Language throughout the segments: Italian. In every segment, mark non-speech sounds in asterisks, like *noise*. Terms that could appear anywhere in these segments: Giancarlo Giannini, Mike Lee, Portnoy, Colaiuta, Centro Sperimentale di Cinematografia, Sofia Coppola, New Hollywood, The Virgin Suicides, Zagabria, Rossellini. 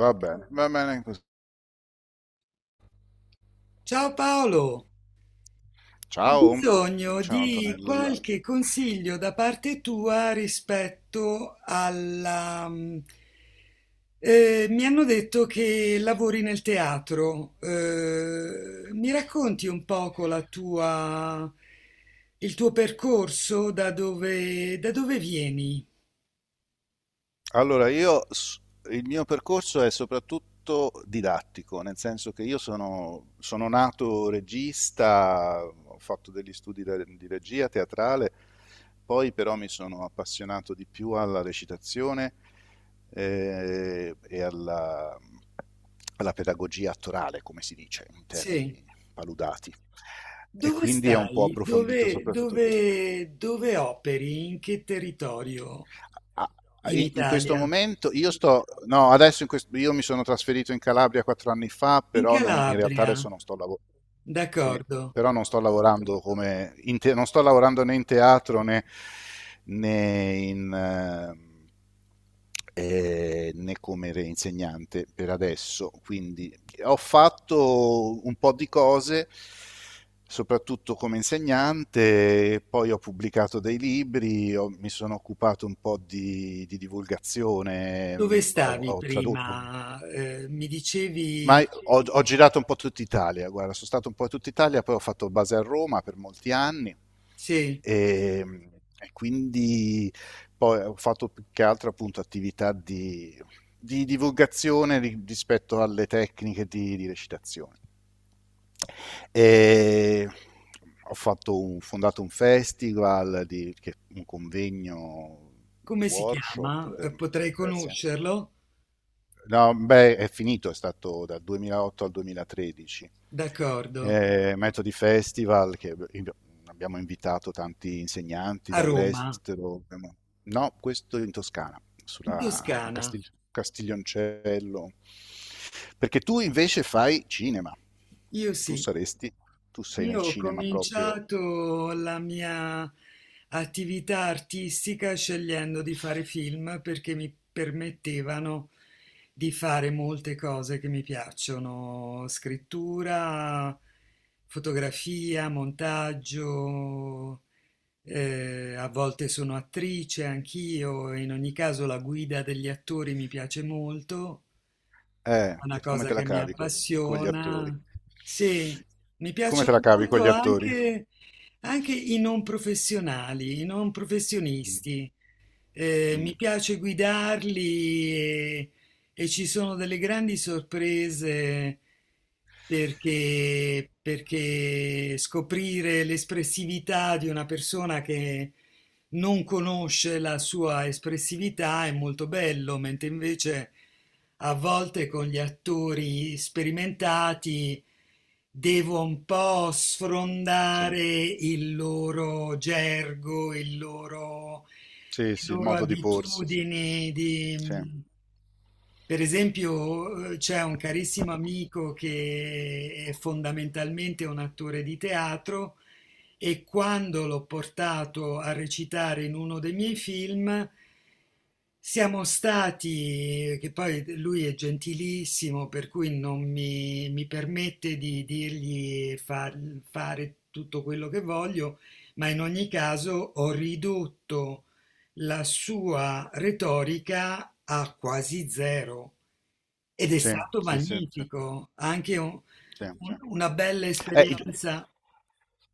Va bene così. Ciao Paolo, ho Ciao, bisogno ciao di Antonella. qualche consiglio da parte tua rispetto alla, mi hanno detto che lavori nel teatro. Mi racconti un poco il tuo percorso, da dove vieni? Allora, il mio percorso è soprattutto didattico, nel senso che io sono nato regista, ho fatto degli studi di regia teatrale, poi però mi sono appassionato di più alla recitazione e alla pedagogia attorale, come si dice in Sì. termini paludati. E Dove quindi è un po' stai? approfondito Dove, soprattutto. dove, dove operi? In che territorio? Ah, In in questo Italia? momento io sto no adesso in questo, io mi sono trasferito in Calabria 4 anni fa In però non, in realtà adesso Calabria, non sto lavorando. Sì, d'accordo. però non sto lavorando non sto lavorando né in teatro né, né in né insegnante per adesso, quindi ho fatto un po' di cose, soprattutto come insegnante. Poi ho pubblicato dei libri, mi sono occupato un po' di divulgazione, Dove ho, stavi ho tradotto, prima? Mi ma dicevi, ho girato un po' tutta Italia, guarda, sono stato un po' in tutta Italia. Poi ho fatto base a Roma per molti anni sì, e, mh, e quindi poi ho fatto più che altro appunto attività di divulgazione rispetto alle tecniche di recitazione. E ho fatto un fondato un festival un convegno, come si workshop chiama? per Potrei diversi anni. conoscerlo? No, beh, è finito, è stato dal 2008 al 2013. D'accordo. Metodi Festival, che abbiamo invitato tanti insegnanti A Roma, dall'estero. No, questo in Toscana, in a Toscana. Castiglioncello. Perché tu invece fai cinema. Io Tu sì. saresti, tu sei nel Io ho cinema proprio. cominciato la mia attività artistica scegliendo di fare film perché mi permettevano di fare molte cose che mi piacciono, scrittura, fotografia, montaggio, a volte sono attrice anch'io. In ogni caso la guida degli attori mi piace molto, una E come cosa te la che mi cavi con gli attori? appassiona. Sì, mi Come te piacciono la cavi con molto gli attori? anche i non professionali, i non Mm, professionisti. Mm, Mi piace guidarli e ci sono delle grandi sorprese perché scoprire l'espressività di una persona che non conosce la sua espressività è molto bello, mentre invece a volte con gli attori sperimentati devo un po' sì. sfrondare il loro gergo, Sì, le sì, il loro modo di porsi, sì. abitudini. Sì, Di... Per esempio, c'è un carissimo amico che è fondamentalmente un attore di teatro e quando l'ho portato a recitare in uno dei miei film siamo stati, che poi lui è gentilissimo, per cui non mi permette di dirgli fare tutto quello che voglio, ma in ogni caso ho ridotto la sua retorica a quasi zero ed è sì, stato sì, sì, sì, magnifico, anche sì, sì. Una bella Eh, il- esperienza,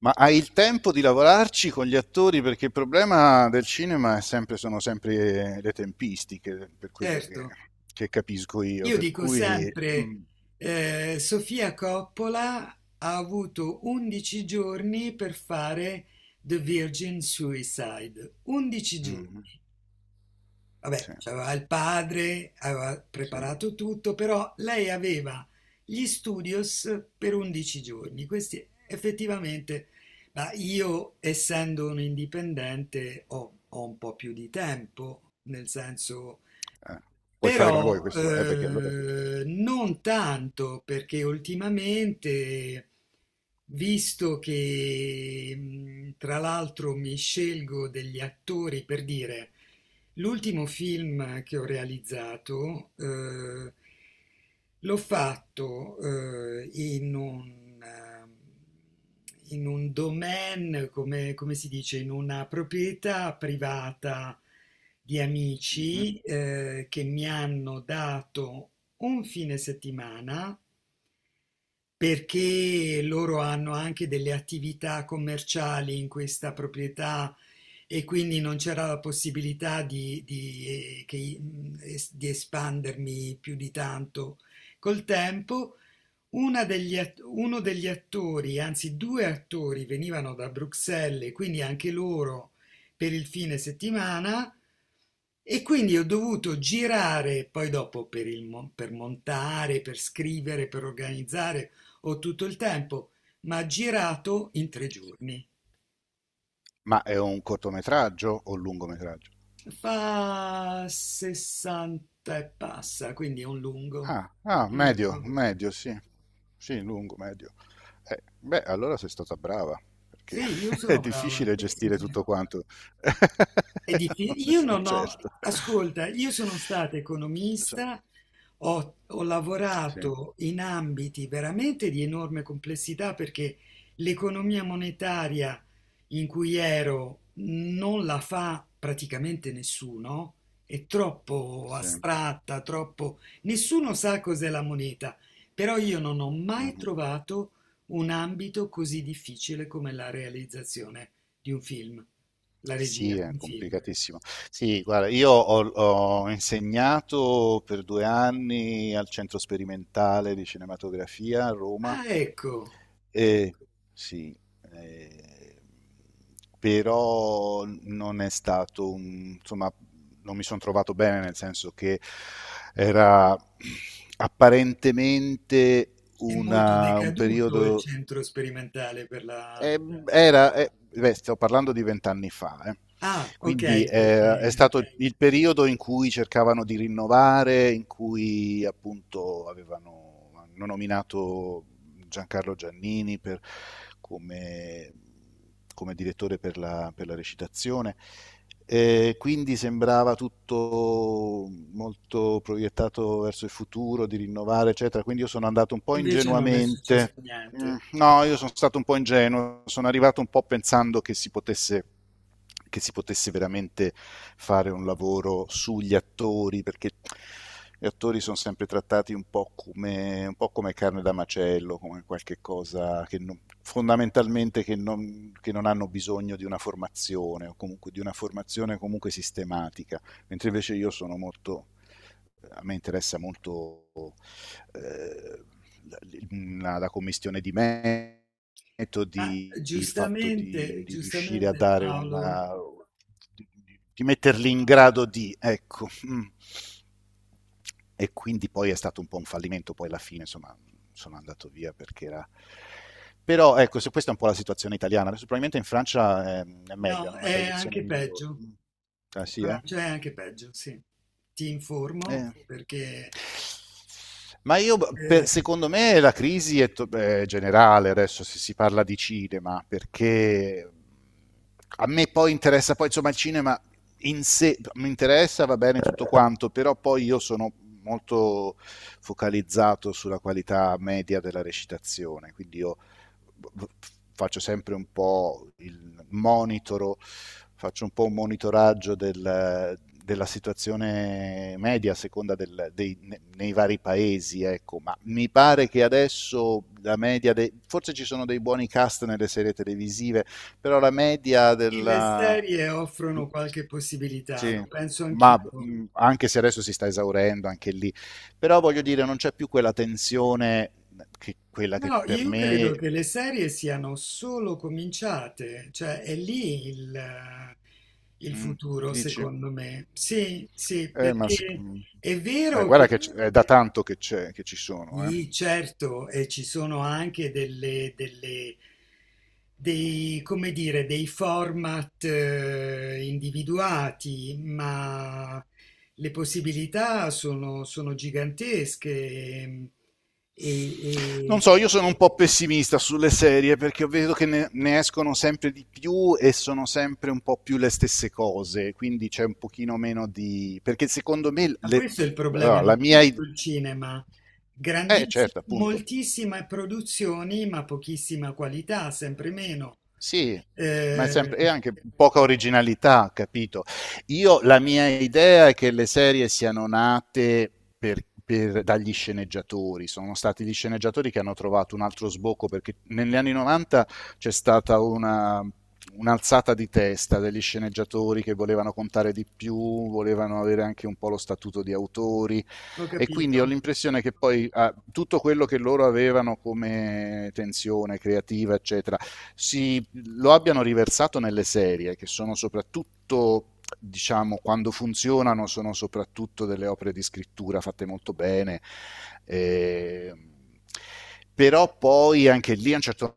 ma hai il tempo di lavorarci con gli attori? Perché il problema del cinema sono sempre le tempistiche, per quello che, certo. che capisco io, Io per dico cui... sempre, Mm, Sofia Coppola ha avuto 11 giorni per fare The Virgin Suicide. 11 giorni. mm, sì, Vabbè, c'aveva il padre, aveva sì. preparato tutto, però lei aveva gli studios per 11 giorni. Questi effettivamente, ma io essendo un indipendente ho un po' più di tempo, nel senso Eh, Puoi fare come vuoi però questo, perché allora... non tanto perché ultimamente, visto che tra l'altro mi scelgo degli attori per dire, l'ultimo film che ho realizzato l'ho fatto eh, in un, ehm, in un domain, come si dice, in una proprietà privata di Mhm. amici che mi hanno dato un fine settimana perché loro hanno anche delle attività commerciali in questa proprietà e quindi non c'era la possibilità di espandermi più di tanto col tempo. Uno degli attori, anzi due attori, venivano da Bruxelles, quindi anche loro per il fine settimana. E quindi ho dovuto girare, poi dopo per montare, per scrivere, per organizzare, ho tutto il tempo, ma girato in tre giorni. Ma è un cortometraggio o un lungometraggio? Fa 60 e passa, quindi è un lungo, Ah, ah, un medio, lungo. medio, sì. Sì, lungo, medio. Beh, allora sei stata brava, perché Sì, io *laughs* è sono brava. difficile Sì, sì, gestire sì. tutto quanto. *laughs* Non ne Io sono non ho, certo. ascolta, io sono stata Insomma, economista, ho sì, lavorato in ambiti veramente di enorme complessità perché l'economia monetaria in cui ero non la fa praticamente nessuno, è troppo sì. astratta, troppo. Nessuno sa cos'è la moneta, però io non ho mai Mhm. trovato un ambito così difficile come la realizzazione di un film, la Sì, regia di è un film. complicatissimo. Sì, guarda, io ho insegnato per 2 anni al Centro Sperimentale di Cinematografia a Roma. Ah, ecco, E, sì, eh, però non è stato un, insomma, non mi sono trovato bene, nel senso che era apparentemente è molto un decaduto il periodo, centro sperimentale per la. eh, era, beh, sto parlando di vent'anni fa, eh. Ah, ok, Quindi è perché stato il periodo in cui cercavano di rinnovare, in cui appunto avevano hanno nominato Giancarlo Giannini come, come direttore per la recitazione. Quindi sembrava tutto molto proiettato verso il futuro, di rinnovare, eccetera. Quindi io sono andato un po' invece non è successo ingenuamente. Niente. No, io sono stato un po' ingenuo, sono arrivato un po' pensando che si potesse veramente fare un lavoro sugli attori, perché gli attori sono sempre trattati un po' come carne da macello, come qualche cosa che non- fondamentalmente che non, hanno bisogno di una formazione, o comunque di una formazione comunque sistematica, mentre invece io sono molto, a me interessa molto eh, la commissione di Ma metodi, il fatto di, giustamente, di riuscire a giustamente dare Paolo, una... di, di metterli in grado di, ecco. Mm. E quindi poi è stato un po' un fallimento, poi alla fine insomma sono andato via perché era... Però ecco, se questa è un po' la situazione italiana, adesso probabilmente in Francia è meglio, no, hanno una è tradizione anche migliore. peggio. Mm. Ah In sì, eh? Francia è anche peggio, sì. Ti informo Eh. perché Ma io, eh, secondo me, la crisi è generale adesso, se si parla di cinema, perché a me poi interessa, poi insomma il cinema in sé mi interessa, va bene tutto quanto, però poi io sono molto focalizzato sulla qualità media della recitazione, quindi io faccio sempre un po' il monitoro, faccio un po' un monitoraggio del, della situazione media a seconda del, dei, nei vari paesi, ecco. Ma mi pare che adesso la media, forse ci sono dei buoni cast nelle serie televisive, però la media sì, le della... serie di- offrono qualche possibilità, Sì, lo penso ma anch'io. Anche se adesso si sta esaurendo anche lì, però voglio dire, non c'è più quella tensione, che, quella No, che no, per io credo me... che le serie siano solo cominciate, cioè è lì il Mm, futuro, Dici? secondo me. Sì, sì, Eh, ma, sic- perché mm. è Ma vero guarda che che è da tanto che, c'è, che ci sono, eh. sì, certo, e ci sono anche dei, come dire, dei format individuati, ma le possibilità sono gigantesche. ehm, E, Non e- so, io sono un po' pessimista sulle serie perché vedo che ne escono sempre di più e sono sempre un po' più le stesse cose, quindi c'è un pochino meno di... perché secondo me Ma questo è il allora, problema la di mia idea... tutto il cinema. Eh Grandissime, certo, appunto. moltissime produzioni, ma pochissima qualità, sempre meno. Sì, ma è sempre, e Eh, anche poca originalità, capito? Io, la mia idea è che le serie siano nate dagli sceneggiatori, sono stati gli sceneggiatori che hanno trovato un altro sbocco, perché negli anni 90 c'è stata una, un'alzata di testa degli sceneggiatori, che volevano contare di più, volevano avere anche un po' lo statuto di autori. ho E quindi ho capito. l'impressione che poi tutto quello che loro avevano come tensione creativa, eccetera, si, lo abbiano riversato nelle serie, che sono soprattutto diciamo, quando funzionano sono soprattutto delle opere di scrittura fatte molto bene. E però poi anche lì a un certo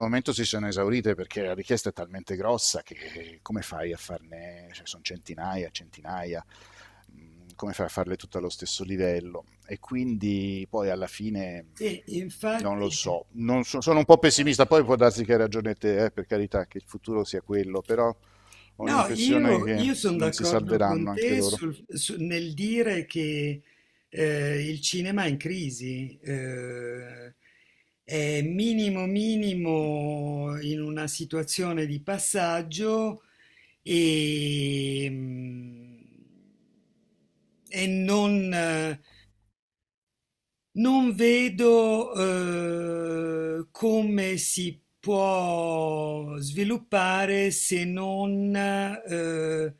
momento si sono esaurite, perché la richiesta è talmente grossa che come fai a farne, cioè sono centinaia, centinaia. Come fai a farle tutte allo stesso livello? E quindi poi alla fine Sì, non lo infatti. so, non so, sono un po' pessimista. Poi può darsi che hai ragione te, per carità, che il futuro sia quello, però ho No, l'impressione io, che io sono non si d'accordo salveranno con anche te loro. Nel dire che il cinema è in crisi, è minimo minimo in una situazione di passaggio e, mm, e non vedo, come si può sviluppare se non,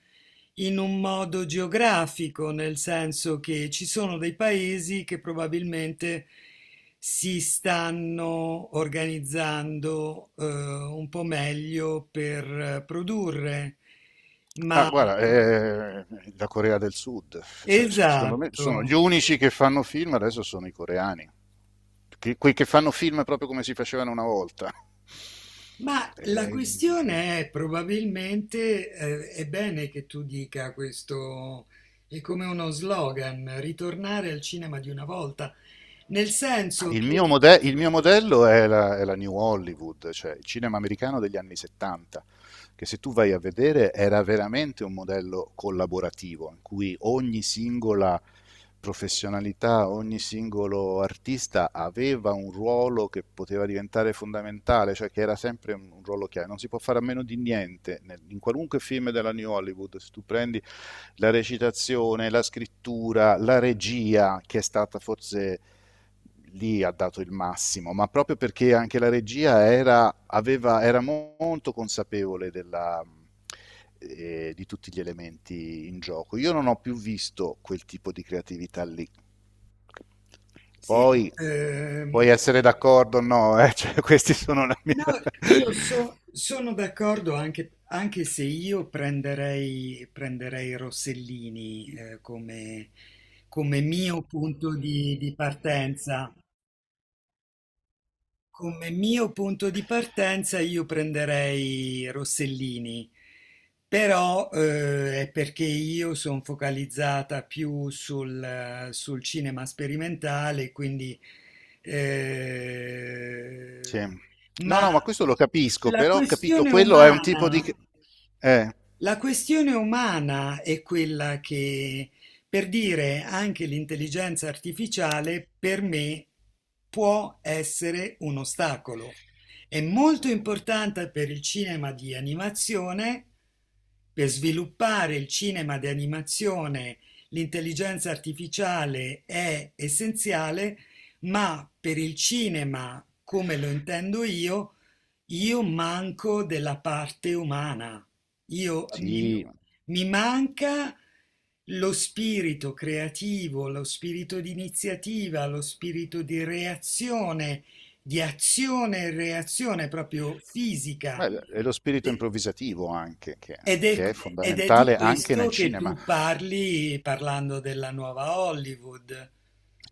in un modo geografico, nel senso che ci sono dei paesi che probabilmente si stanno organizzando, un po' meglio per produrre. Ah, Ma guarda, la Corea del Sud, cioè, secondo me esatto. sono gli unici che fanno film adesso, sono i coreani, che, quei che fanno film proprio come si facevano una volta. Ma la Eh, questione è probabilmente, è bene che tu dica questo, è come uno slogan, ritornare al cinema di una volta, nel senso che il mio modello è la New Hollywood, cioè il cinema americano degli anni 70, che se tu vai a vedere era veramente un modello collaborativo, in cui ogni singola professionalità, ogni singolo artista aveva un ruolo che poteva diventare fondamentale, cioè che era sempre un ruolo chiave. Non si può fare a meno di niente in qualunque film della New Hollywood. Se tu prendi la recitazione, la scrittura, la regia, che è stata forse lì, ha dato il massimo, ma proprio perché anche la regia era, aveva, era molto consapevole della, di tutti gli elementi in gioco. Io non ho più visto quel tipo di creatività lì. sì, Poi ehm, puoi essere d'accordo o no, eh? *laughs* Cioè, questi sono la mia... no, *laughs* io sono d'accordo anche, anche se io prenderei, prenderei Rossellini, come mio punto di partenza. Come mio punto di partenza io prenderei Rossellini, però è perché io sono focalizzata più sul cinema sperimentale, quindi. eh, Sì. No, ma no, ma questo lo capisco, la però ho capito, questione quello è un tipo di... umana, Eh, la questione umana è quella che, per dire, anche l'intelligenza artificiale per me può essere un ostacolo. È molto importante per il cinema di animazione, per sviluppare il cinema di animazione, l'intelligenza artificiale è essenziale, ma per il cinema, come lo intendo io manco della parte umana. Io mi, sì, mi manca lo spirito creativo, lo spirito di iniziativa, lo spirito di reazione, di azione e reazione proprio fisica. beh, è lo spirito E- improvvisativo anche, che, Ed è, è ed è di fondamentale anche questo nel che cinema. tu parli parlando della nuova Hollywood.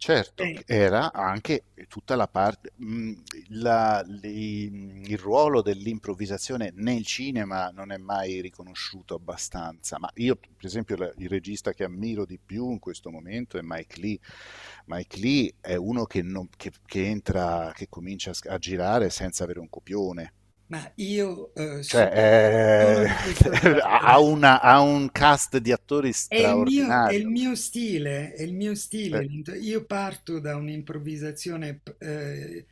Certo, Eh, era anche tutta la parte, il ruolo dell'improvvisazione nel cinema non è mai riconosciuto abbastanza, ma io per esempio il regista che ammiro di più in questo momento è Mike Lee. Mike Lee è uno che, non- che entra, che comincia a girare senza avere un copione, ma io sono cioè, di questo *laughs* genere. Ha un cast di attori È il straordinario. mio stile, è il mio Eh. stile. Io parto da un'improvvisazione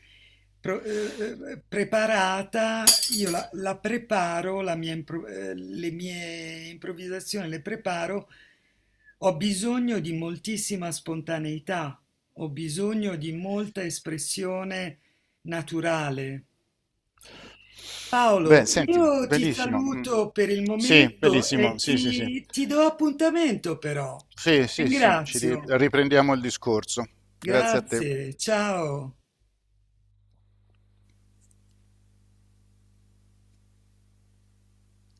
preparata, io la preparo, le mie improvvisazioni le preparo. Ho bisogno di moltissima spontaneità, ho bisogno di molta espressione naturale. Beh, Paolo, senti, io ti bellissimo. Mm. saluto per il Sì, momento e bellissimo. Sì, sì, sì. ti do appuntamento però. Sì, sì, sì, ci Ringrazio. riprendiamo il discorso. Grazie a te. Grazie, ciao.